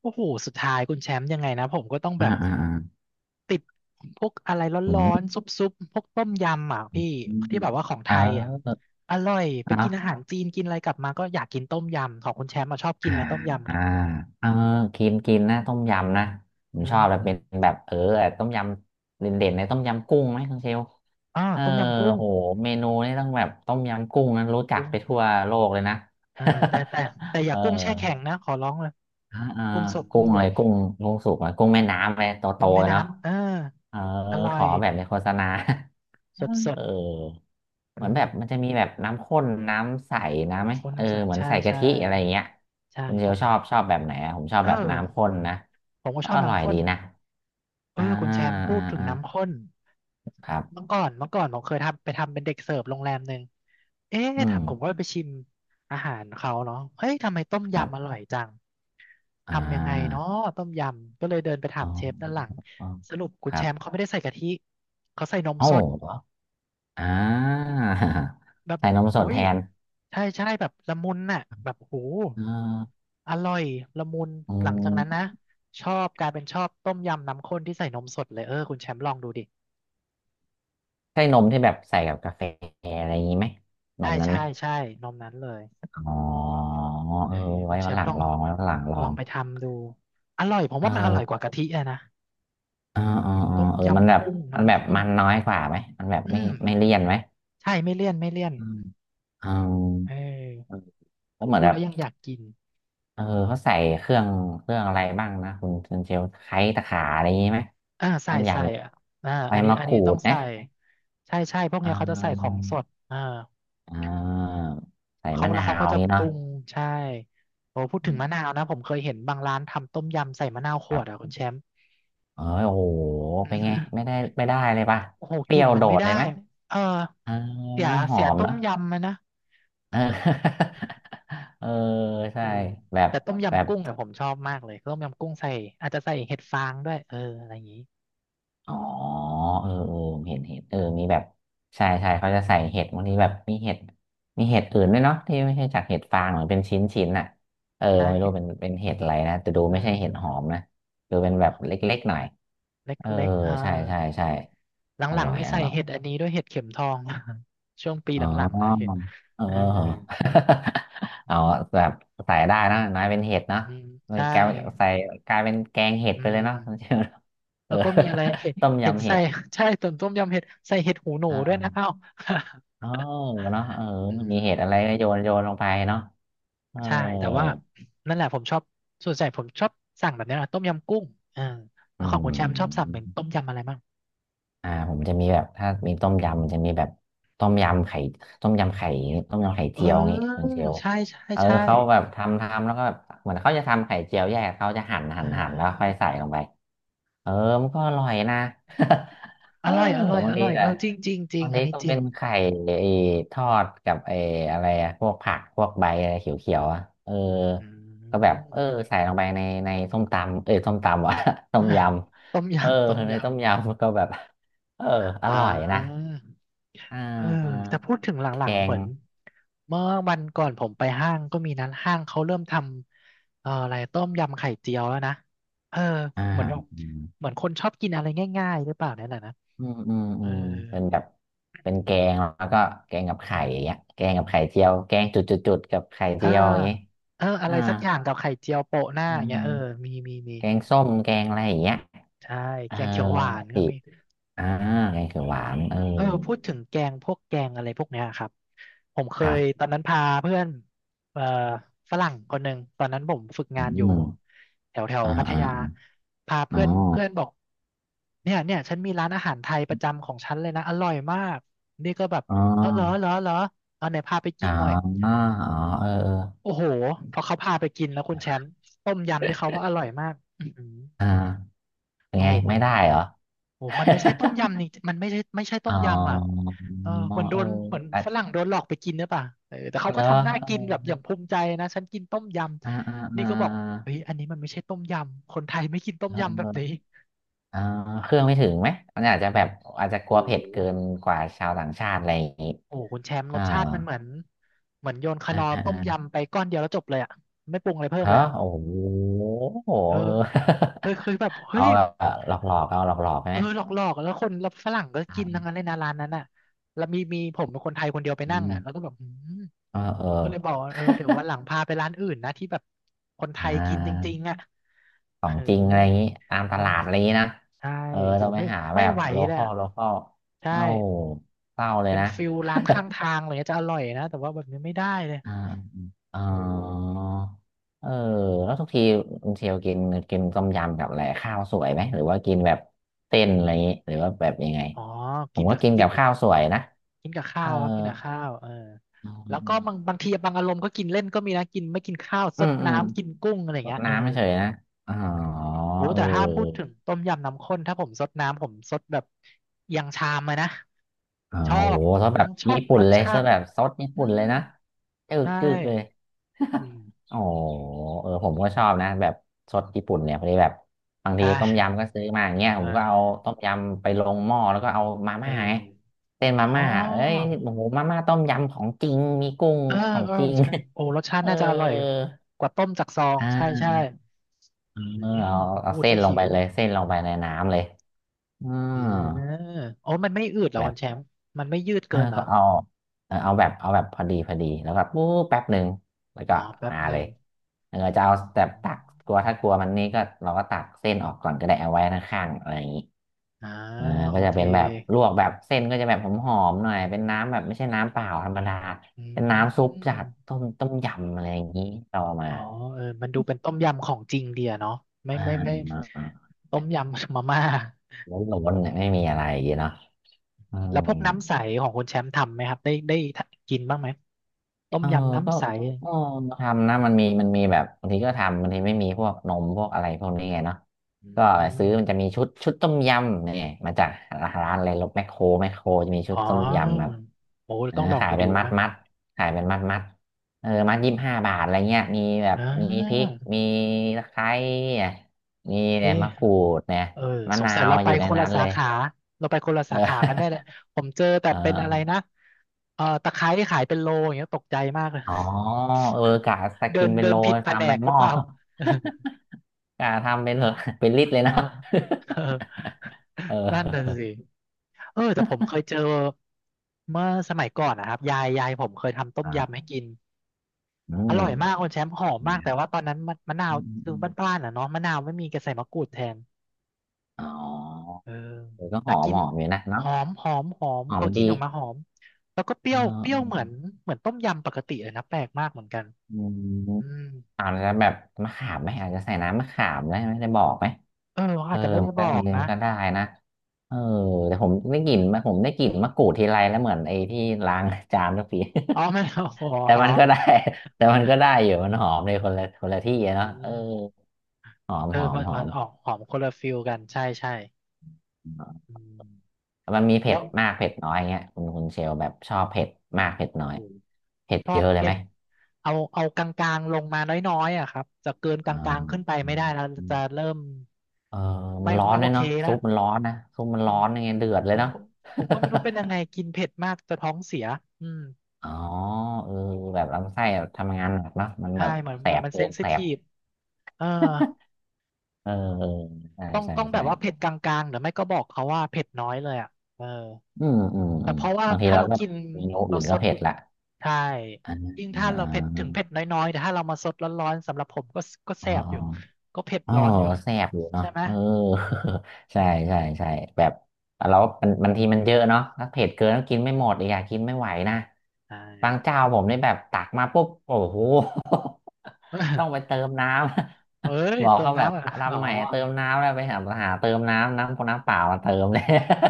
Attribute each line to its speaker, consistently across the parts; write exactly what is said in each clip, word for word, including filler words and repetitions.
Speaker 1: โอ้โหสุดท้ายคุณแชมป์ยังไงนะผมก็ต้องแบ
Speaker 2: อ่า
Speaker 1: บ
Speaker 2: อ่าอ่า
Speaker 1: ติดพวกอะไรร
Speaker 2: ผม
Speaker 1: ้อ
Speaker 2: ว่า
Speaker 1: นๆซุปๆพวกต้มยำอ่ะพี่
Speaker 2: อืม
Speaker 1: ที่แบบว่าของ
Speaker 2: เอ
Speaker 1: ไท
Speaker 2: อ
Speaker 1: ยอ่ะ
Speaker 2: เนาะ
Speaker 1: อร่อยไป
Speaker 2: อ่า
Speaker 1: กินอาหารจีนกินอะไรกลับมาก็อยากกินต้มยำของคุณแชมป์มาชอบกินไหมต้มยำ
Speaker 2: อ่า
Speaker 1: อะ
Speaker 2: เออกินกินนะต้มยำนะผม
Speaker 1: อื
Speaker 2: ชอบแบบเป็น
Speaker 1: ม
Speaker 2: แบบเออแบบต้มยำเด่นๆในต้มยำกุ้งไหมคุณเชล
Speaker 1: อ่า
Speaker 2: เออ
Speaker 1: ต้มยำกุ้ง
Speaker 2: โหเมนูนี่ต้องแบบต้มยำกุ้งนั้นรู้จัก
Speaker 1: กุ้ง
Speaker 2: ไปทั่วโลกเลยนะ
Speaker 1: อ่าแต่แต่แต่อ
Speaker 2: เอ
Speaker 1: ย่า
Speaker 2: อ
Speaker 1: กุ้งแช่แข็งนะขอร้องเลย
Speaker 2: อ่าอ่า
Speaker 1: กุ้งสด
Speaker 2: กุ้
Speaker 1: กุ้ง
Speaker 2: ง
Speaker 1: ส
Speaker 2: อะ
Speaker 1: ด
Speaker 2: ไรกุ้งกุ้งสุกอะกุ้งแม่น้ำอะไรโต
Speaker 1: กุ้งแม่
Speaker 2: ๆเนาะ
Speaker 1: น้ำเออ
Speaker 2: เออ
Speaker 1: อร่
Speaker 2: ข
Speaker 1: อ
Speaker 2: อ
Speaker 1: ย
Speaker 2: แบบในโฆษณา
Speaker 1: สดส
Speaker 2: เอ
Speaker 1: ด
Speaker 2: อ
Speaker 1: อื
Speaker 2: เหมือนแบ
Speaker 1: ม
Speaker 2: บมันจะมีแบบน้ำข้นน้ำใสน้ำไหม
Speaker 1: น้ำข้น
Speaker 2: เออ
Speaker 1: น้ำใส
Speaker 2: เหมือน
Speaker 1: ใช่
Speaker 2: ใส่กะ
Speaker 1: ใช่
Speaker 2: ทิอะไรอย่างเงี้ย
Speaker 1: ใช่
Speaker 2: คุณเช
Speaker 1: ผ
Speaker 2: ล
Speaker 1: ม
Speaker 2: ช
Speaker 1: ชอ
Speaker 2: อ
Speaker 1: บ
Speaker 2: บชอบแบบไหนอะผมชอบ
Speaker 1: เออ
Speaker 2: แบบน้ำข้นนะ
Speaker 1: ผมก็
Speaker 2: ก็
Speaker 1: ชอบ
Speaker 2: อร่อย
Speaker 1: น้ำข้
Speaker 2: ดี
Speaker 1: น
Speaker 2: นะ
Speaker 1: เอ
Speaker 2: อ่า
Speaker 1: อคุณแชมป์พู
Speaker 2: อ่า
Speaker 1: ดถึง
Speaker 2: อ่า
Speaker 1: น้ำข้น
Speaker 2: ครั
Speaker 1: เมื่
Speaker 2: บ
Speaker 1: อก่อนเมื่อก่อนผมเคยทำไปทำเป็นเด็กเสิร์ฟโรงแรมหนึ่งเอ๊ะ
Speaker 2: อืม
Speaker 1: ถ้าผมก็ไปชิมอาหารเขาเนาะเฮ้ยทำไมต้ม
Speaker 2: ครับ
Speaker 1: ยำอร่อยจัง
Speaker 2: อ่
Speaker 1: ทำยังไง
Speaker 2: า
Speaker 1: เนาะต้มยำก็เลยเดินไปถา
Speaker 2: อ๋อ
Speaker 1: มเชฟด้านหลัง
Speaker 2: อ๋อ
Speaker 1: สรุปคุ
Speaker 2: ค
Speaker 1: ณ
Speaker 2: รั
Speaker 1: แชมป์
Speaker 2: บ
Speaker 1: เขาไม่ได้ใส่กะทิเขาใส่นม
Speaker 2: โอ้
Speaker 1: สด
Speaker 2: เหรออ่า
Speaker 1: แบ บ
Speaker 2: ใส่นมส
Speaker 1: โอ้
Speaker 2: ดแท
Speaker 1: ย
Speaker 2: น
Speaker 1: ใช่ใช่แบบละมุนน่ะแบบโห
Speaker 2: อ่า
Speaker 1: อร่อยละมุน
Speaker 2: อื
Speaker 1: หลังจากนั้นนะ
Speaker 2: ม
Speaker 1: ชอบกลายเป็นชอบต้มยำน้ำข้นที่ใส่นมสดเลยเออคุณแชมป์ลองดูดิ
Speaker 2: ใช่นมที่แบบใส่กับกาแฟอะไรอย่างงี้ไหมน
Speaker 1: ใช่
Speaker 2: มนั้นไหม
Speaker 1: ใช่ใช่นมนั้นเลย
Speaker 2: อ๋อ
Speaker 1: เอ
Speaker 2: เอ
Speaker 1: อ
Speaker 2: อ
Speaker 1: คุ
Speaker 2: ไว้
Speaker 1: ณเช
Speaker 2: วัน
Speaker 1: ฟ
Speaker 2: หลัง
Speaker 1: ลอง
Speaker 2: ลองไว้วันหลังลอ
Speaker 1: ลอ
Speaker 2: ง
Speaker 1: งไปทำดูอร่อยผม
Speaker 2: เอ
Speaker 1: ว่ามันอร่อยก
Speaker 2: อ
Speaker 1: ว่ากะทิอะนะ
Speaker 2: อ๋ออ๋อ
Speaker 1: อืม
Speaker 2: อ๋อ
Speaker 1: ต้ม
Speaker 2: เออมันแบ
Speaker 1: ยำ
Speaker 2: บ
Speaker 1: กุ้ง
Speaker 2: มันแบ
Speaker 1: น้ำ
Speaker 2: บ
Speaker 1: ข้น
Speaker 2: มันน้อยกว่าไหมมันแบบ
Speaker 1: อื
Speaker 2: ไม่
Speaker 1: ม
Speaker 2: ไม่เลี่ยนไหม
Speaker 1: ใช่ไม่เลี่ยนไม่เลี่ยน
Speaker 2: อืมอ๋อ
Speaker 1: เออ
Speaker 2: เออแล้
Speaker 1: ผ
Speaker 2: ว
Speaker 1: ม
Speaker 2: เหมือน
Speaker 1: พูด
Speaker 2: แบ
Speaker 1: แล้
Speaker 2: บ
Speaker 1: วยังอยากกิน
Speaker 2: เออเขาใส่เครื่องเครื่องอะไรบ้างนะคุณคุณเชลไคร้ตะขาอะไรอย่างนี้ไหม
Speaker 1: อ่าใส่
Speaker 2: ต้มย
Speaker 1: ใส่อ่ะอ่า
Speaker 2: ำใบ
Speaker 1: อันนี้
Speaker 2: มะ
Speaker 1: อัน
Speaker 2: ก
Speaker 1: นี้
Speaker 2: รู
Speaker 1: ต้อ
Speaker 2: ด
Speaker 1: ง
Speaker 2: นะ
Speaker 1: ใส่ใช่ใช่พวก
Speaker 2: เอ่
Speaker 1: เนี้ยเขาจะใส่ของ
Speaker 2: า
Speaker 1: สดอ่า
Speaker 2: อ่าใส่
Speaker 1: เขา
Speaker 2: มะ
Speaker 1: แล้ว
Speaker 2: นา
Speaker 1: เขาก็
Speaker 2: วอ
Speaker 1: จะ
Speaker 2: ย่างนี้
Speaker 1: ป
Speaker 2: เนาะ
Speaker 1: รุงใช่โอ้พูด
Speaker 2: อื
Speaker 1: ถึงมะนา
Speaker 2: ม
Speaker 1: วนะผมเคยเห็นบางร้านทำต้มยำใส่มะนาวข
Speaker 2: ครั
Speaker 1: วดอ่ะ
Speaker 2: บ
Speaker 1: คุณแชมป์
Speaker 2: เออโอ้โห
Speaker 1: อื
Speaker 2: เป็นไงไม่ได้
Speaker 1: ม
Speaker 2: ไม่ได้เลยป่ะ
Speaker 1: โอ้โห
Speaker 2: เป
Speaker 1: ก
Speaker 2: รี้
Speaker 1: ลิ่
Speaker 2: ย
Speaker 1: น
Speaker 2: ว
Speaker 1: มั
Speaker 2: โด
Speaker 1: นไม่
Speaker 2: ด
Speaker 1: ได้
Speaker 2: เลยไหม
Speaker 1: เออ
Speaker 2: เออ
Speaker 1: เสีย
Speaker 2: ไม่หอ
Speaker 1: เสีย
Speaker 2: ม
Speaker 1: ต้ม
Speaker 2: เนาะ
Speaker 1: ยำมันนะ
Speaker 2: เออ เออ
Speaker 1: เอ
Speaker 2: ใช่
Speaker 1: อ
Speaker 2: แบบ
Speaker 1: แต่ต้ม
Speaker 2: แบบ
Speaker 1: ยำกุ้งเนี่ยผมชอบมากเลยต้มยำกุ้งใส่อาจจะใส่เห็ดฟางด้วยเอออะไรอย่างนี้
Speaker 2: อ๋อเออเออเห็นเห็นเออมีแบบใช่ใช่เขาจะใส่เห็ดบางทีแบบมีเห็ดมีเห็ดอื่นด้วยเนาะที่ไม่ใช่จากเห็ดฟางเหมือนเป็นชิ้นชิ้นอ่ะเออ
Speaker 1: ใ
Speaker 2: ไม่รู้เป็น
Speaker 1: ช่
Speaker 2: เป็นเห็ดอะไรนะแต่ดู
Speaker 1: เอ
Speaker 2: ไม่ใช่
Speaker 1: อ
Speaker 2: เห็ดหอมนะดูเป็นแบบเล็กๆหน่อย
Speaker 1: เ
Speaker 2: เออ
Speaker 1: ล็กๆเออ
Speaker 2: ใช่ใช่ใช่
Speaker 1: ห
Speaker 2: อ
Speaker 1: ลัง
Speaker 2: ร่อ
Speaker 1: ๆ
Speaker 2: ย
Speaker 1: มี
Speaker 2: อ
Speaker 1: ใส่
Speaker 2: ร่อย
Speaker 1: เห็ดอันนี้ด้วยเห็ดเข็มทอง ช่วงปี
Speaker 2: อ๋
Speaker 1: ห
Speaker 2: อ
Speaker 1: ลังๆนะเห็น
Speaker 2: เออ
Speaker 1: เออ
Speaker 2: เอาแบบใส่ได้นะนายเป็นเห็ดนะ
Speaker 1: อืม
Speaker 2: มัน
Speaker 1: ใช่
Speaker 2: แกใส่กลายเป็นแกงเห็ด
Speaker 1: อื
Speaker 2: ไปเลย
Speaker 1: ม
Speaker 2: เนาะ เอ
Speaker 1: แล้
Speaker 2: อ
Speaker 1: วก็มีอะไรเห็น
Speaker 2: ต้ม
Speaker 1: เห็น
Speaker 2: ยำเห็
Speaker 1: ใส่
Speaker 2: ด
Speaker 1: ใช่ต้มต้มยำเห็ดใส่เห็ดหูหนูด้วยนะ
Speaker 2: อ่า
Speaker 1: เอ้า
Speaker 2: เออเนาะเออ
Speaker 1: อื
Speaker 2: มี
Speaker 1: ม
Speaker 2: เห็ดอะไรก็โยนโยนลงไปเนาะเออ
Speaker 1: ใช่แต่ว่านั่นแหละผมชอบส่วนใหญ่ผมชอบสั่งแบบนี้นะต้มยำกุ้งอ่าแล้
Speaker 2: อื
Speaker 1: วของคุณแชมป์ชอบสั่งเป็นต้
Speaker 2: ม
Speaker 1: มยำอะไรบ้าง
Speaker 2: อ่าผมจะมีแบบถ้ามีต้มยำมันจะมีแบบต้มยำไข่ต้มยำไข่ต้มยำไข่
Speaker 1: เออ
Speaker 2: เจียวงี้คุนเจียว
Speaker 1: ใช่ใช่
Speaker 2: เออ
Speaker 1: ใช่
Speaker 2: เขาแบบทำทำแล้วก็แบบเหมือนเขาจะทำไข่เจียวแยกเขาจะหั่นหั่
Speaker 1: อ่า
Speaker 2: นหั่นแล้วค่อยใส่ลงไปเออมันก็อร่อยนะ เอ
Speaker 1: อ
Speaker 2: อ
Speaker 1: ร่อยอร่อย
Speaker 2: บา
Speaker 1: อ
Speaker 2: งที
Speaker 1: ร่อยเอ
Speaker 2: อะ
Speaker 1: อจริงจริงจริ
Speaker 2: บา
Speaker 1: ง
Speaker 2: ง
Speaker 1: อั
Speaker 2: ที
Speaker 1: นนี้
Speaker 2: ก็
Speaker 1: จริ
Speaker 2: เป็
Speaker 1: ง
Speaker 2: นไข่ไอ้ทอดกับไอ้อะไรอะพวกผักพวกใบอะไรเขียวๆอะเออ
Speaker 1: อื
Speaker 2: ก็แบบเออ
Speaker 1: ม
Speaker 2: ใส่ลงไปในในส้มตำเอ้ยส้มตำวะ ต้มย
Speaker 1: ต้ม
Speaker 2: ำเออ
Speaker 1: ยำต้ม
Speaker 2: ใน
Speaker 1: ย
Speaker 2: ต้มยำก็แบบ เอออ
Speaker 1: ำอ่า
Speaker 2: ร่อยนะอ่
Speaker 1: เออ
Speaker 2: า
Speaker 1: แต่พูดถึงห
Speaker 2: แก
Speaker 1: ลังๆเห
Speaker 2: ง
Speaker 1: มือนเมื่อวันก่อนผมไปห้างก็มีนั้นห้างเขาเริ่มทำเอ่ออะไรต้มยำไข่เจียวแล้วนะเออเหมือนแบบ
Speaker 2: อ่า
Speaker 1: เหมือนคนชอบกินอะไรง่ายๆหรือเปล่าเนี่ยแหละนะ
Speaker 2: อืมอืม
Speaker 1: เอ
Speaker 2: อื
Speaker 1: อ
Speaker 2: มเป็นแบบเป็นแกงแล้วก็แกงกับไข่
Speaker 1: นะ
Speaker 2: อย่างเงี้ยแกงกับไข่เจียวแกงจุดจุดจุดกับไข่
Speaker 1: อ่า
Speaker 2: เจียวอย่างงี้
Speaker 1: เอออะไร
Speaker 2: อ่า
Speaker 1: สักอย่างกับไข่เจียวโปะหน้าอ
Speaker 2: อา
Speaker 1: ย่างเงี้ยเออมีมีมี
Speaker 2: แกงส้มแกงอะไรอย่างเงี้ย
Speaker 1: ใช่
Speaker 2: เออ
Speaker 1: แกงเขียวหวานก็
Speaker 2: อีก
Speaker 1: มี
Speaker 2: อ่าแกงเขียวห
Speaker 1: อื
Speaker 2: วา
Speaker 1: ม
Speaker 2: นเออ
Speaker 1: เออพูดถึงแกงพวกแกงอะไรพวกเนี้ยครับผมเค
Speaker 2: ครั
Speaker 1: ย
Speaker 2: บ
Speaker 1: ตอนนั้นพาเพื่อนเอ่อฝรั่งคนหนึ่งตอนนั้นผมฝึก
Speaker 2: อื
Speaker 1: งานอยู่
Speaker 2: ม
Speaker 1: แถวแถว
Speaker 2: อ่า
Speaker 1: พัท
Speaker 2: อ่า
Speaker 1: ยาพา
Speaker 2: อ๋อ
Speaker 1: เพื่อนเพื่อนบอกเนี่ยเนี่ยฉันมีร้านอาหารไทยประจำของฉันเลยนะอร่อยมากนี่ก็แบบ
Speaker 2: อ๋อ
Speaker 1: เออเหรอเหรอเหรอเอาไหนพาไป
Speaker 2: อ๋
Speaker 1: กิ
Speaker 2: อ
Speaker 1: นหน่อย
Speaker 2: อ๋อเออ
Speaker 1: โอ้โหพอเขาพาไปกินแล้วคุณแชมป์ต้มยำที่เขาว่าอร่อยมากอือหือ
Speaker 2: เอออ่าเป็น
Speaker 1: โอ้
Speaker 2: ไง
Speaker 1: โหเหมื
Speaker 2: ไม่
Speaker 1: อน
Speaker 2: ได้เหรอ
Speaker 1: โอ้โหมันไม่ใช่ต้ม ยำนี่มันไม่ใช่ไม่ใช่
Speaker 2: อ๋
Speaker 1: ต้มยำอ่ะ
Speaker 2: อ
Speaker 1: เออเหมือนโด
Speaker 2: เออ
Speaker 1: นเหมือน
Speaker 2: แต่
Speaker 1: ฝรั่งโดนหลอกไปกินหรือเปล่าเออแต่เขาก็
Speaker 2: แล้ว
Speaker 1: ทำหน้า
Speaker 2: เอ
Speaker 1: กินแบบ
Speaker 2: อ
Speaker 1: อย่างภูมิใจนะฉันกินต้มย
Speaker 2: อ่าอ่า
Speaker 1: ำนี่
Speaker 2: อ่า
Speaker 1: ก็บอกเฮ้ยอันนี้มันไม่ใช่ต้มยำคนไทยไม่กินต้ม
Speaker 2: แล้วเอ
Speaker 1: ยำแบบนี้
Speaker 2: ออ่าเครื่องไม่ถึงไหมมันอาจจะแบบอาจจะกลัว
Speaker 1: โอ้โห
Speaker 2: เผ็ดเกินกว่าชาวต่างชาติอะไรอย่างนี้
Speaker 1: โอ้โหคุณแชมป์ร
Speaker 2: อ่า
Speaker 1: สชาติมันเหมือนเหมือนโยนค
Speaker 2: อ่า
Speaker 1: ลอต้ม
Speaker 2: อ่า
Speaker 1: ยำไปก้อนเดียวแล้วจบเลยอ่ะไม่ปรุงอะไรเพิ่ม
Speaker 2: ฮ
Speaker 1: เล
Speaker 2: อ
Speaker 1: ยอ่ะ
Speaker 2: โอ้โห เออ
Speaker 1: เออเคยเคยแบบ เฮ้
Speaker 2: เอา
Speaker 1: ย
Speaker 2: แบบหลอกๆเอาหลอกๆไหม
Speaker 1: เออหลอกๆแล้วคนแล้วฝรั่งก็กินทั้ง
Speaker 2: อ่า
Speaker 1: นั้นเลยนะร้านนั้นอ่ะแล้วมีมีผมเป็นคนไทยคนเดียวไปนั่
Speaker 2: อื
Speaker 1: งอ่ะแล้วก็
Speaker 2: ม
Speaker 1: แบบอืม
Speaker 2: เออเออ
Speaker 1: ก็เลยบอกว่าเออเดี๋ยววัน หลังพาไปร้านอื่นนะที่แบบคนไท
Speaker 2: อ่
Speaker 1: ยกินจริ
Speaker 2: า
Speaker 1: งๆอ่ะ
Speaker 2: ข
Speaker 1: เอ
Speaker 2: อง
Speaker 1: อ
Speaker 2: จริงอะไรอย่างนี้ตามต
Speaker 1: เออ
Speaker 2: ลาดอะไรอย่างนี้นะ
Speaker 1: ใช่
Speaker 2: เออ
Speaker 1: โอ้โห
Speaker 2: เราไป
Speaker 1: ไม่
Speaker 2: หาแบ
Speaker 1: ไม่
Speaker 2: บ
Speaker 1: ไหว
Speaker 2: โล
Speaker 1: เล
Speaker 2: ค
Speaker 1: ย
Speaker 2: อ
Speaker 1: อะ
Speaker 2: ลโลคอล
Speaker 1: ใช่
Speaker 2: เอ้าเศร้าเลย
Speaker 1: เป็น
Speaker 2: นะ
Speaker 1: ฟิลร้านข้างทางอะไรเงี้ยจะอร่อยนะแต่ว่าแบบนี้ไม่ได้เลย
Speaker 2: อ่า อ๋
Speaker 1: โอ้
Speaker 2: อเออแล้วทุกทีคุณเชลกินกินต้มยำกับอะไรข้าวสวยไหมหรือว่ากินแบบเต้นอะไรอย่างงี้หรือว่าแบบยังไง
Speaker 1: อ๋อ
Speaker 2: ผ
Speaker 1: กิ
Speaker 2: ม
Speaker 1: น
Speaker 2: ก็
Speaker 1: กับ
Speaker 2: กิน
Speaker 1: กิ
Speaker 2: กั
Speaker 1: น
Speaker 2: บข้าวสวยนะ
Speaker 1: กินกับ
Speaker 2: เอ
Speaker 1: ข้า
Speaker 2: อ
Speaker 1: วครับกินกับข้าวเออ
Speaker 2: อื
Speaker 1: แล้วก็บา
Speaker 2: ม
Speaker 1: งบางทีบางอารมณ์ก็กินเล่นก็มีนะกินไม่กินข้าวซ
Speaker 2: อื
Speaker 1: ด
Speaker 2: มอืม
Speaker 1: น้ำกินกุ้งอะไร
Speaker 2: รด
Speaker 1: เงี้ยเออ
Speaker 2: น้ำไม่เฉยนะอ๋อ
Speaker 1: โอ้
Speaker 2: เออ
Speaker 1: แต่ถ้าพูดถึงต้มยำน้ำข้นถ้าผมซดน้ำผมซดแบบเอียงชามเลยนะ
Speaker 2: อ๋อ
Speaker 1: ชอ
Speaker 2: โห
Speaker 1: บ
Speaker 2: ซดแบ
Speaker 1: อื
Speaker 2: บ
Speaker 1: มชอ
Speaker 2: ญี่
Speaker 1: บ
Speaker 2: ปุ่
Speaker 1: ร
Speaker 2: น
Speaker 1: ส
Speaker 2: เลย
Speaker 1: ชา
Speaker 2: ซด
Speaker 1: ติ
Speaker 2: แบบซดญี่
Speaker 1: อื
Speaker 2: ปุ่นเล
Speaker 1: ม
Speaker 2: ยนะจึก
Speaker 1: ใช่
Speaker 2: จึกเลย
Speaker 1: อืม
Speaker 2: อ๋อเออผมก็ชอบนะแบบซดญี่ปุ่นเนี่ยพอดีแบบบางที
Speaker 1: ใช่
Speaker 2: ต้มยำก็ซื้อมาอย่างเงี้ย
Speaker 1: เอ
Speaker 2: ผมก็เอา
Speaker 1: อ
Speaker 2: ต้มยำไปลงหม้อแล้วก็เอามา
Speaker 1: เอ
Speaker 2: ม่าไง
Speaker 1: อ
Speaker 2: เส้น
Speaker 1: อ๋อ
Speaker 2: มาม่าเอ้ยนี่โอ้โหมาม่าต้มยำของจริงมีกุ้ง
Speaker 1: เออ
Speaker 2: ของ
Speaker 1: เออ
Speaker 2: จริง
Speaker 1: ใช่โอ้รส ชาติ
Speaker 2: เออ
Speaker 1: น่าจะอร่อยกว่าต้มจากซอง
Speaker 2: อ่า
Speaker 1: ใช่ใช่
Speaker 2: เออ
Speaker 1: อื
Speaker 2: เอา
Speaker 1: ม
Speaker 2: เอา
Speaker 1: พูด
Speaker 2: เส้น
Speaker 1: แล้ว
Speaker 2: ลง
Speaker 1: หิ
Speaker 2: ไป
Speaker 1: ว
Speaker 2: เลยเส้นลงไปในน้ำเลยอื
Speaker 1: อ
Speaker 2: ม
Speaker 1: ่าโอ้มันไม่อืดเหรอ
Speaker 2: แบ
Speaker 1: คุ
Speaker 2: บ
Speaker 1: ณแชมป์มันไม่ยืด
Speaker 2: เออ
Speaker 1: เกินเหรอ
Speaker 2: ก็เอาเออเอาแบบเอาแบบพอดีพอดีแล้วก็ปุ๊บแป๊บหนึ่งแล้วก็
Speaker 1: เนาะแป๊บ
Speaker 2: มา
Speaker 1: ห
Speaker 2: เล
Speaker 1: นึ่
Speaker 2: ย
Speaker 1: ง
Speaker 2: เออจะเอา
Speaker 1: อม
Speaker 2: แต่ตักกลัวถ้ากลัวมันนี่ก็เราก็ตักเส้นออกก่อนก็ได้เอาไว้ข้างๆอะไรอย่างนี้
Speaker 1: อ่า
Speaker 2: เออ
Speaker 1: โอ
Speaker 2: ก็จะ
Speaker 1: เค
Speaker 2: เป็นแบบลวกแบบเส้นก็จะแบบหอมๆหน่อยเป็นน้ำแบบไม่ใช่น้ำเปล่าธรรมดา
Speaker 1: อื
Speaker 2: เป็นน้ำซุปจาก
Speaker 1: ม
Speaker 2: ต้มต้มยำอะไรอย่างนี้เราเอามา
Speaker 1: อ๋อเออมันดูเป็นต้มยำของจริงเดียเนาะไม่
Speaker 2: อ่
Speaker 1: ไม่ไม่
Speaker 2: า
Speaker 1: ต้มยำมาม่า
Speaker 2: ล้นๆเนี่ยไม่มีอะไรอย่างงี้เนาะอื
Speaker 1: แล้
Speaker 2: ม
Speaker 1: วพวกน้ำใสของคุณแชมป์ทำไหมครับได้ได้กินบ้างไหมต้ม
Speaker 2: เออ
Speaker 1: ยำ
Speaker 2: ก็
Speaker 1: น้ำใส
Speaker 2: เออทำนะมันมีมันมีแบบบางทีก็ทำบางทีไม่มีพวกนมพวกอะไรพวกนี้ไงเนาะ
Speaker 1: อื
Speaker 2: ก็ซื้อมันจะ
Speaker 1: ม
Speaker 2: มีชุดชุดต้มยำเนี่ยมาจากร้านอะไรลบแมคโครแมคโครจะมีชุด
Speaker 1: อ๋อ
Speaker 2: ต้มยำแบบ
Speaker 1: โอ้
Speaker 2: เออ
Speaker 1: ต้องลอง
Speaker 2: ขา
Speaker 1: ไป
Speaker 2: ยเป็
Speaker 1: ดู
Speaker 2: นมัด
Speaker 1: บ้าง
Speaker 2: มัดขายเป็นมัดมัดเออมัดยี่สิบห้าบาทอะไรเงี้ยมีแบบ
Speaker 1: อ่า
Speaker 2: มีพริกมีตะไคร้เนี่ยมีเนี่ย
Speaker 1: เอ๊ะ
Speaker 2: มะกรูดเนี่ย
Speaker 1: เออ
Speaker 2: มะ
Speaker 1: สง
Speaker 2: นา
Speaker 1: สัย
Speaker 2: ว
Speaker 1: เราไป
Speaker 2: อยู่ใน
Speaker 1: คนละ
Speaker 2: นั้น
Speaker 1: สา
Speaker 2: เลย
Speaker 1: ขาเราไปคนละ
Speaker 2: เ
Speaker 1: สาขากันแน่
Speaker 2: ออ
Speaker 1: เลยผมเจอ แต่
Speaker 2: เ
Speaker 1: เป็นอะไร
Speaker 2: ออ
Speaker 1: นะเอ่อตะไคร้ที่ขายเป็นโลอย่างเงี้ยตกใจมากเลย
Speaker 2: อ๋อเออกะส
Speaker 1: เดิ
Speaker 2: กิน
Speaker 1: น
Speaker 2: เป็น
Speaker 1: เดิ
Speaker 2: โล
Speaker 1: นผิดแผ
Speaker 2: ตาม
Speaker 1: น
Speaker 2: เป็
Speaker 1: ก
Speaker 2: นห
Speaker 1: หรื
Speaker 2: ม้
Speaker 1: อ
Speaker 2: อ
Speaker 1: เปล่า
Speaker 2: กล้าทำเป็นเหอะ เป็นลิตรเลย
Speaker 1: เอ
Speaker 2: นะ
Speaker 1: อ เออ
Speaker 2: เ
Speaker 1: นั่นน่ะ
Speaker 2: ออ
Speaker 1: สิเออแต่ผมเคยเจอเมื่อสมัยก่อนนะครับยายยายผมเคยทำต้
Speaker 2: ค
Speaker 1: ม
Speaker 2: รั
Speaker 1: ยำให้
Speaker 2: บ
Speaker 1: กิน
Speaker 2: อื
Speaker 1: อร่
Speaker 2: ม
Speaker 1: อยมากคุณแชมป์หอมมาก
Speaker 2: เนี่ย
Speaker 1: แต่ว่าตอนนั้นมะมะนา
Speaker 2: อื
Speaker 1: ว
Speaker 2: มอืม
Speaker 1: คื
Speaker 2: อื
Speaker 1: อ
Speaker 2: ม
Speaker 1: บ้านๆอ่ะเนาะมะนาวไม่มีแกใส่มะกรูดแทน
Speaker 2: อ๋อ
Speaker 1: เออ
Speaker 2: เออก็ห
Speaker 1: แต่
Speaker 2: อ
Speaker 1: ก
Speaker 2: ม
Speaker 1: ลิน
Speaker 2: หอมอยู่นะ
Speaker 1: ห
Speaker 2: เนาะ
Speaker 1: อมหอมหอม
Speaker 2: หอ
Speaker 1: พอ
Speaker 2: ม
Speaker 1: กิน
Speaker 2: ดี
Speaker 1: ออกมาหอมแล้วก็เป
Speaker 2: เ
Speaker 1: รี้ยวเปรี้ยวเหมือ
Speaker 2: ออ
Speaker 1: นเหมือนต้มยำปกติเลยนะแปลกมากเหมือนกัน
Speaker 2: อืม
Speaker 1: อืม
Speaker 2: อาจจะแบบมะขามไหมอาจจะใส่น้ำมะขามได้ไหมได้บอกไหม
Speaker 1: เออเขา
Speaker 2: เอ
Speaker 1: อา
Speaker 2: อ
Speaker 1: จจะไม่ได้
Speaker 2: มัน
Speaker 1: บ
Speaker 2: ก็
Speaker 1: อ
Speaker 2: มั
Speaker 1: ก
Speaker 2: น
Speaker 1: นะ
Speaker 2: ก็ได้นะเออแต่ผม
Speaker 1: อื
Speaker 2: ได้ก
Speaker 1: ม
Speaker 2: ลิ่นมาผมได้กลิ่นมะกรูดทีไรแล้วเหมือนไอ้ที่ล้างจานทุกที
Speaker 1: อ๋อไม่อ๋อ
Speaker 2: แต่
Speaker 1: หอ
Speaker 2: มันก็
Speaker 1: ม
Speaker 2: ได้ แต่มันก็ได้อยู่มันหอมเลยคนละคนละที่อะเนาะ
Speaker 1: อื
Speaker 2: เออ
Speaker 1: ม
Speaker 2: หอม
Speaker 1: เอ
Speaker 2: ห
Speaker 1: อ
Speaker 2: อม
Speaker 1: มัน
Speaker 2: หอ
Speaker 1: มัน
Speaker 2: ม
Speaker 1: ออกหอมคนละฟิลกันใช่ใช่อืม
Speaker 2: มันมีเผ็
Speaker 1: แล้
Speaker 2: ด
Speaker 1: ว
Speaker 2: มากเผ็ดน้อยเงี้ยคุณคุณเชลแบบชอบเผ็ดมากเผ็ดน้อยเผ็ด
Speaker 1: ชอ
Speaker 2: เย
Speaker 1: บ
Speaker 2: อะเลย
Speaker 1: เผ็
Speaker 2: ไหม
Speaker 1: ดเอาเอากลางๆลงมาน้อยๆอ่ะครับจะเกินก
Speaker 2: อ่า
Speaker 1: ลางๆขึ้นไป
Speaker 2: อื
Speaker 1: ไม่
Speaker 2: ม
Speaker 1: ได้แล้ว
Speaker 2: อืม
Speaker 1: จะเริ่ม
Speaker 2: เออมั
Speaker 1: ไม่
Speaker 2: นร้อน
Speaker 1: ไม่โอ
Speaker 2: เลย
Speaker 1: เค
Speaker 2: เนาะซุ
Speaker 1: ละ
Speaker 2: ปมันร้อนนะซุปมัน
Speaker 1: กิ
Speaker 2: ร้อ
Speaker 1: น
Speaker 2: นยังไงเดือดเล
Speaker 1: ผ
Speaker 2: ย
Speaker 1: ม
Speaker 2: เนาะ
Speaker 1: ก็ผมก็ไม่รู้เป็นยังไงกินเผ็ดมากจะท้องเสียอืม
Speaker 2: อ๋อเออแบบลำไส้ทำงานหนักเนาะมัน
Speaker 1: ใช่
Speaker 2: แบบ
Speaker 1: เหมือน
Speaker 2: แส
Speaker 1: มัน
Speaker 2: บ
Speaker 1: มัน
Speaker 2: เกิ
Speaker 1: เซ
Speaker 2: น
Speaker 1: นซิ
Speaker 2: แส
Speaker 1: ที
Speaker 2: บ
Speaker 1: ฟเออ
Speaker 2: เออเออใช่
Speaker 1: ต้อง
Speaker 2: ใช่
Speaker 1: ต้องแบ
Speaker 2: ใช่
Speaker 1: บว่าเผ็ดกลางๆหรือไม่ก็บอกเขาว่าเผ็ดน้อยเลยอ่ะเออ
Speaker 2: อืมอืม
Speaker 1: แต่
Speaker 2: อืม
Speaker 1: เพราะว่า
Speaker 2: บางที
Speaker 1: ถ้า
Speaker 2: เรา
Speaker 1: เรา
Speaker 2: ก็
Speaker 1: กิน
Speaker 2: เมนู
Speaker 1: เรา
Speaker 2: อื่น
Speaker 1: ซ
Speaker 2: ก็
Speaker 1: ด
Speaker 2: เผ็ดละ
Speaker 1: ใช่
Speaker 2: อ่า
Speaker 1: ยิ่งถ้า
Speaker 2: อ่
Speaker 1: เราเผ็ดถึง
Speaker 2: า
Speaker 1: เผ็ดน้อยๆแต่ถ้าเรามาซดร้อนๆสำหรับผมก็ก็
Speaker 2: อ๋
Speaker 1: แส
Speaker 2: อ
Speaker 1: บอยู่ก็เผ็ด
Speaker 2: อ๋อ
Speaker 1: ร้อนอยู่
Speaker 2: เออแสบอยู่เนาะ
Speaker 1: ใช่ไหม
Speaker 2: เออ ใช่ใช่ใช่แบบเรามันบางทีมันเยอะเนาะถ้าเผ็ดเกินก็กินไม่หมดอยากกินไม่ไหวนะ
Speaker 1: ใช่
Speaker 2: บางเจ้าผมนี่แบบตักมาปุ๊บโอ้โห ต้อ งไปเติมน้ำ
Speaker 1: เอ้ย
Speaker 2: บอก
Speaker 1: เติม
Speaker 2: เขาแบบ
Speaker 1: น้ำเหร
Speaker 2: ท
Speaker 1: อ่ะอ๋
Speaker 2: ำ
Speaker 1: อ
Speaker 2: ใหม่เติมน้ำแล้วไปหาหาเติมน้ำน้ำน้ำเปล่ามาเติมเลย
Speaker 1: อืม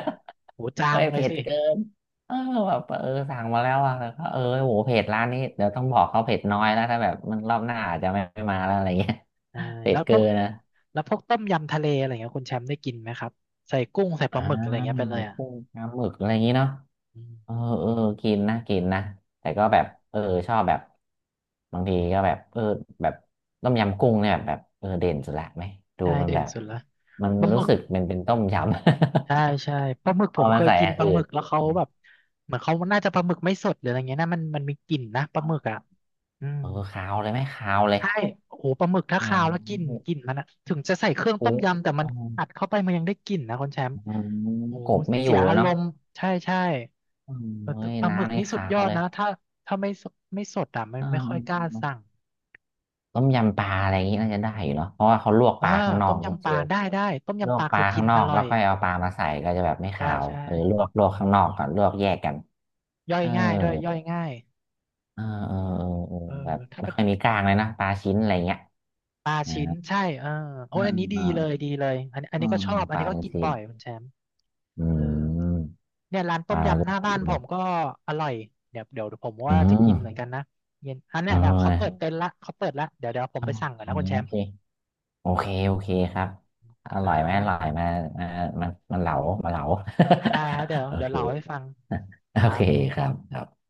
Speaker 1: โห จา
Speaker 2: เฮ้
Speaker 1: ง
Speaker 2: ย
Speaker 1: เลย
Speaker 2: เผ็ด
Speaker 1: สิ
Speaker 2: เกินเออแบบเออสั่งมาแล้วอะแล้วก็เออโหเผ็ดร้านนี้เดี๋ยวต้องบอกเขาเผ็ดน้อยแล้วถ้าแบบมันรอบหน้าอาจจะไม่ไม่มาแล้วอะไรเงี้ย
Speaker 1: ใช่
Speaker 2: เผ็
Speaker 1: แล้
Speaker 2: ด
Speaker 1: วพ
Speaker 2: เกิ
Speaker 1: วก
Speaker 2: นนะ
Speaker 1: แล้วพวกต้มยำทะเลอะไรเงี้ยคุณแชมป์ได้กินไหมครับใส่กุ้งใส่ป
Speaker 2: อ่า
Speaker 1: ลาหมึกอะไรเงี้ยไปเล
Speaker 2: ไป
Speaker 1: ยอ่ะ
Speaker 2: กุ้งปลาหมึกอะไรอย่างนี้เนาะ
Speaker 1: อื
Speaker 2: เออ
Speaker 1: ม
Speaker 2: เออกินนะกินนะแต่ก็แบบเออชอบแบบบางทีก็แบบเออแบบต้มยำกุ้งเนี่ยแบบเออเด่นสุดละไหมดู
Speaker 1: ใช่
Speaker 2: มัน
Speaker 1: เด่
Speaker 2: แบ
Speaker 1: น
Speaker 2: บ
Speaker 1: สุดละ
Speaker 2: มัน
Speaker 1: ปลาห
Speaker 2: รู้
Speaker 1: มึก
Speaker 2: สึกมันเป็นต้มย
Speaker 1: ใช่
Speaker 2: ำ
Speaker 1: ใช่ปลาหมึก
Speaker 2: พ
Speaker 1: ผ
Speaker 2: อ
Speaker 1: ม
Speaker 2: มั
Speaker 1: เค
Speaker 2: น
Speaker 1: ย
Speaker 2: ใส่
Speaker 1: กิน
Speaker 2: อัน
Speaker 1: ปลาห
Speaker 2: อื่
Speaker 1: มึ
Speaker 2: น
Speaker 1: กแล้วเขาแบบเหมือนเขาน่าจะปลาหมึกไม่สดหรืออะไรเงี้ยนะมันมันมีกลิ่นนะปลาหมึก
Speaker 2: เอ
Speaker 1: อ่ะอืม
Speaker 2: อคาวเลยไหมคาวเลย
Speaker 1: ใช่โอ้โหปลาหมึกถ้า
Speaker 2: อ๋อ
Speaker 1: คาวแล้วกลิ่นกลิ่นมันอะถึงจะใส่เครื่องต้
Speaker 2: กุ้
Speaker 1: ม
Speaker 2: ง
Speaker 1: ยำแต่มั
Speaker 2: อ
Speaker 1: นอัดเข้าไปมันยังได้กลิ่นนะคุณแชมป์
Speaker 2: อ๋อ
Speaker 1: โอ้
Speaker 2: ก
Speaker 1: โห
Speaker 2: บไม่อ
Speaker 1: เสี
Speaker 2: ยู่
Speaker 1: ย
Speaker 2: เลย
Speaker 1: อาร
Speaker 2: เนาะ
Speaker 1: มณ์ ใช่ใช่
Speaker 2: เออ
Speaker 1: เออ
Speaker 2: เฮ้
Speaker 1: แต่
Speaker 2: ย
Speaker 1: ปลาหมึก
Speaker 2: น้ำนี่
Speaker 1: นี่สุด
Speaker 2: คา
Speaker 1: ย
Speaker 2: ว
Speaker 1: อด
Speaker 2: เลย
Speaker 1: นะ ถ้าถ้าไม่สดไม่สดอ่ะมัน
Speaker 2: อ่
Speaker 1: ไม่ค่อยกล้า
Speaker 2: า
Speaker 1: สั่ง
Speaker 2: ต้มยำปลาอะไรอย่างนี้น่าจะได้อยู่เนาะเพราะว่าเขาลวกป
Speaker 1: อ่า
Speaker 2: ลาข้างนอ
Speaker 1: ต้
Speaker 2: ก
Speaker 1: ม
Speaker 2: น้อง
Speaker 1: ยำป
Speaker 2: เจ
Speaker 1: ลา
Speaker 2: ล
Speaker 1: ได้ได้ต้ม
Speaker 2: ล
Speaker 1: ยำ
Speaker 2: ว
Speaker 1: ป
Speaker 2: ก
Speaker 1: ลา
Speaker 2: ป
Speaker 1: เค
Speaker 2: ลา
Speaker 1: ยกิ
Speaker 2: ข้า
Speaker 1: น
Speaker 2: งนอ
Speaker 1: อ
Speaker 2: ก
Speaker 1: ร่
Speaker 2: แล้
Speaker 1: อ
Speaker 2: ว
Speaker 1: ย
Speaker 2: ค่อยเอาปลามาใส่ก็จะแบบไม่
Speaker 1: ใช่
Speaker 2: ขาว
Speaker 1: ใช่
Speaker 2: เออลวกลวกข้างนอกก่อนลวกแยกกัน
Speaker 1: ย่อ
Speaker 2: เอ
Speaker 1: ย
Speaker 2: อ
Speaker 1: ง่ายด้วยย่อยง่าย
Speaker 2: เออเออเออเออ
Speaker 1: เออ
Speaker 2: แบบ
Speaker 1: ถ้า
Speaker 2: ไม่ค่อยมีกล้างเลยนะปลาชิ้นอะไรเงี้ย
Speaker 1: ปลา
Speaker 2: อ่า
Speaker 1: ชิ้นใช่เออโอ้
Speaker 2: อ่า
Speaker 1: ยอันนี้ดี
Speaker 2: อ่า
Speaker 1: เลยดีเลยอันนี้อัน
Speaker 2: อื
Speaker 1: นี้ก็
Speaker 2: ม
Speaker 1: ชอบอั
Speaker 2: ป
Speaker 1: น
Speaker 2: ลา
Speaker 1: นี้ก็
Speaker 2: เป็น
Speaker 1: กิน
Speaker 2: ชิ้
Speaker 1: บ่
Speaker 2: น
Speaker 1: อยคุณแชมป์
Speaker 2: อื
Speaker 1: เออ
Speaker 2: ม
Speaker 1: เนี่ยร้าน
Speaker 2: ป
Speaker 1: ต้
Speaker 2: ลา
Speaker 1: ม
Speaker 2: ก็
Speaker 1: ยำหน้า
Speaker 2: ชิ้
Speaker 1: บ้า
Speaker 2: น
Speaker 1: นผ
Speaker 2: เลย
Speaker 1: มก็อร่อยเดี๋ยวเดี๋ยวผม
Speaker 2: อื
Speaker 1: ว่าจะ
Speaker 2: ม
Speaker 1: กินเหมือนกันนะเย็นอัน
Speaker 2: เ
Speaker 1: เนี้ยนะเขาเปิด
Speaker 2: ออ
Speaker 1: เต็นท์ละเขาเปิดละเดี๋ยวเดี๋ยวผม
Speaker 2: อ๋อ
Speaker 1: ไปสั่งก่อนนะคุณแช
Speaker 2: โอ
Speaker 1: มป์
Speaker 2: เคโอเคโอเคครับอ
Speaker 1: ค
Speaker 2: ร่
Speaker 1: รั
Speaker 2: อยไหมอร่อย
Speaker 1: บ
Speaker 2: มามามามาเหลามาเหลา
Speaker 1: ได้ครับเดี๋ยว
Speaker 2: โอ
Speaker 1: เดี๋ยว
Speaker 2: เค
Speaker 1: เล่าให้ฟัง
Speaker 2: โอ
Speaker 1: ครั
Speaker 2: เค
Speaker 1: บ
Speaker 2: ครับครับ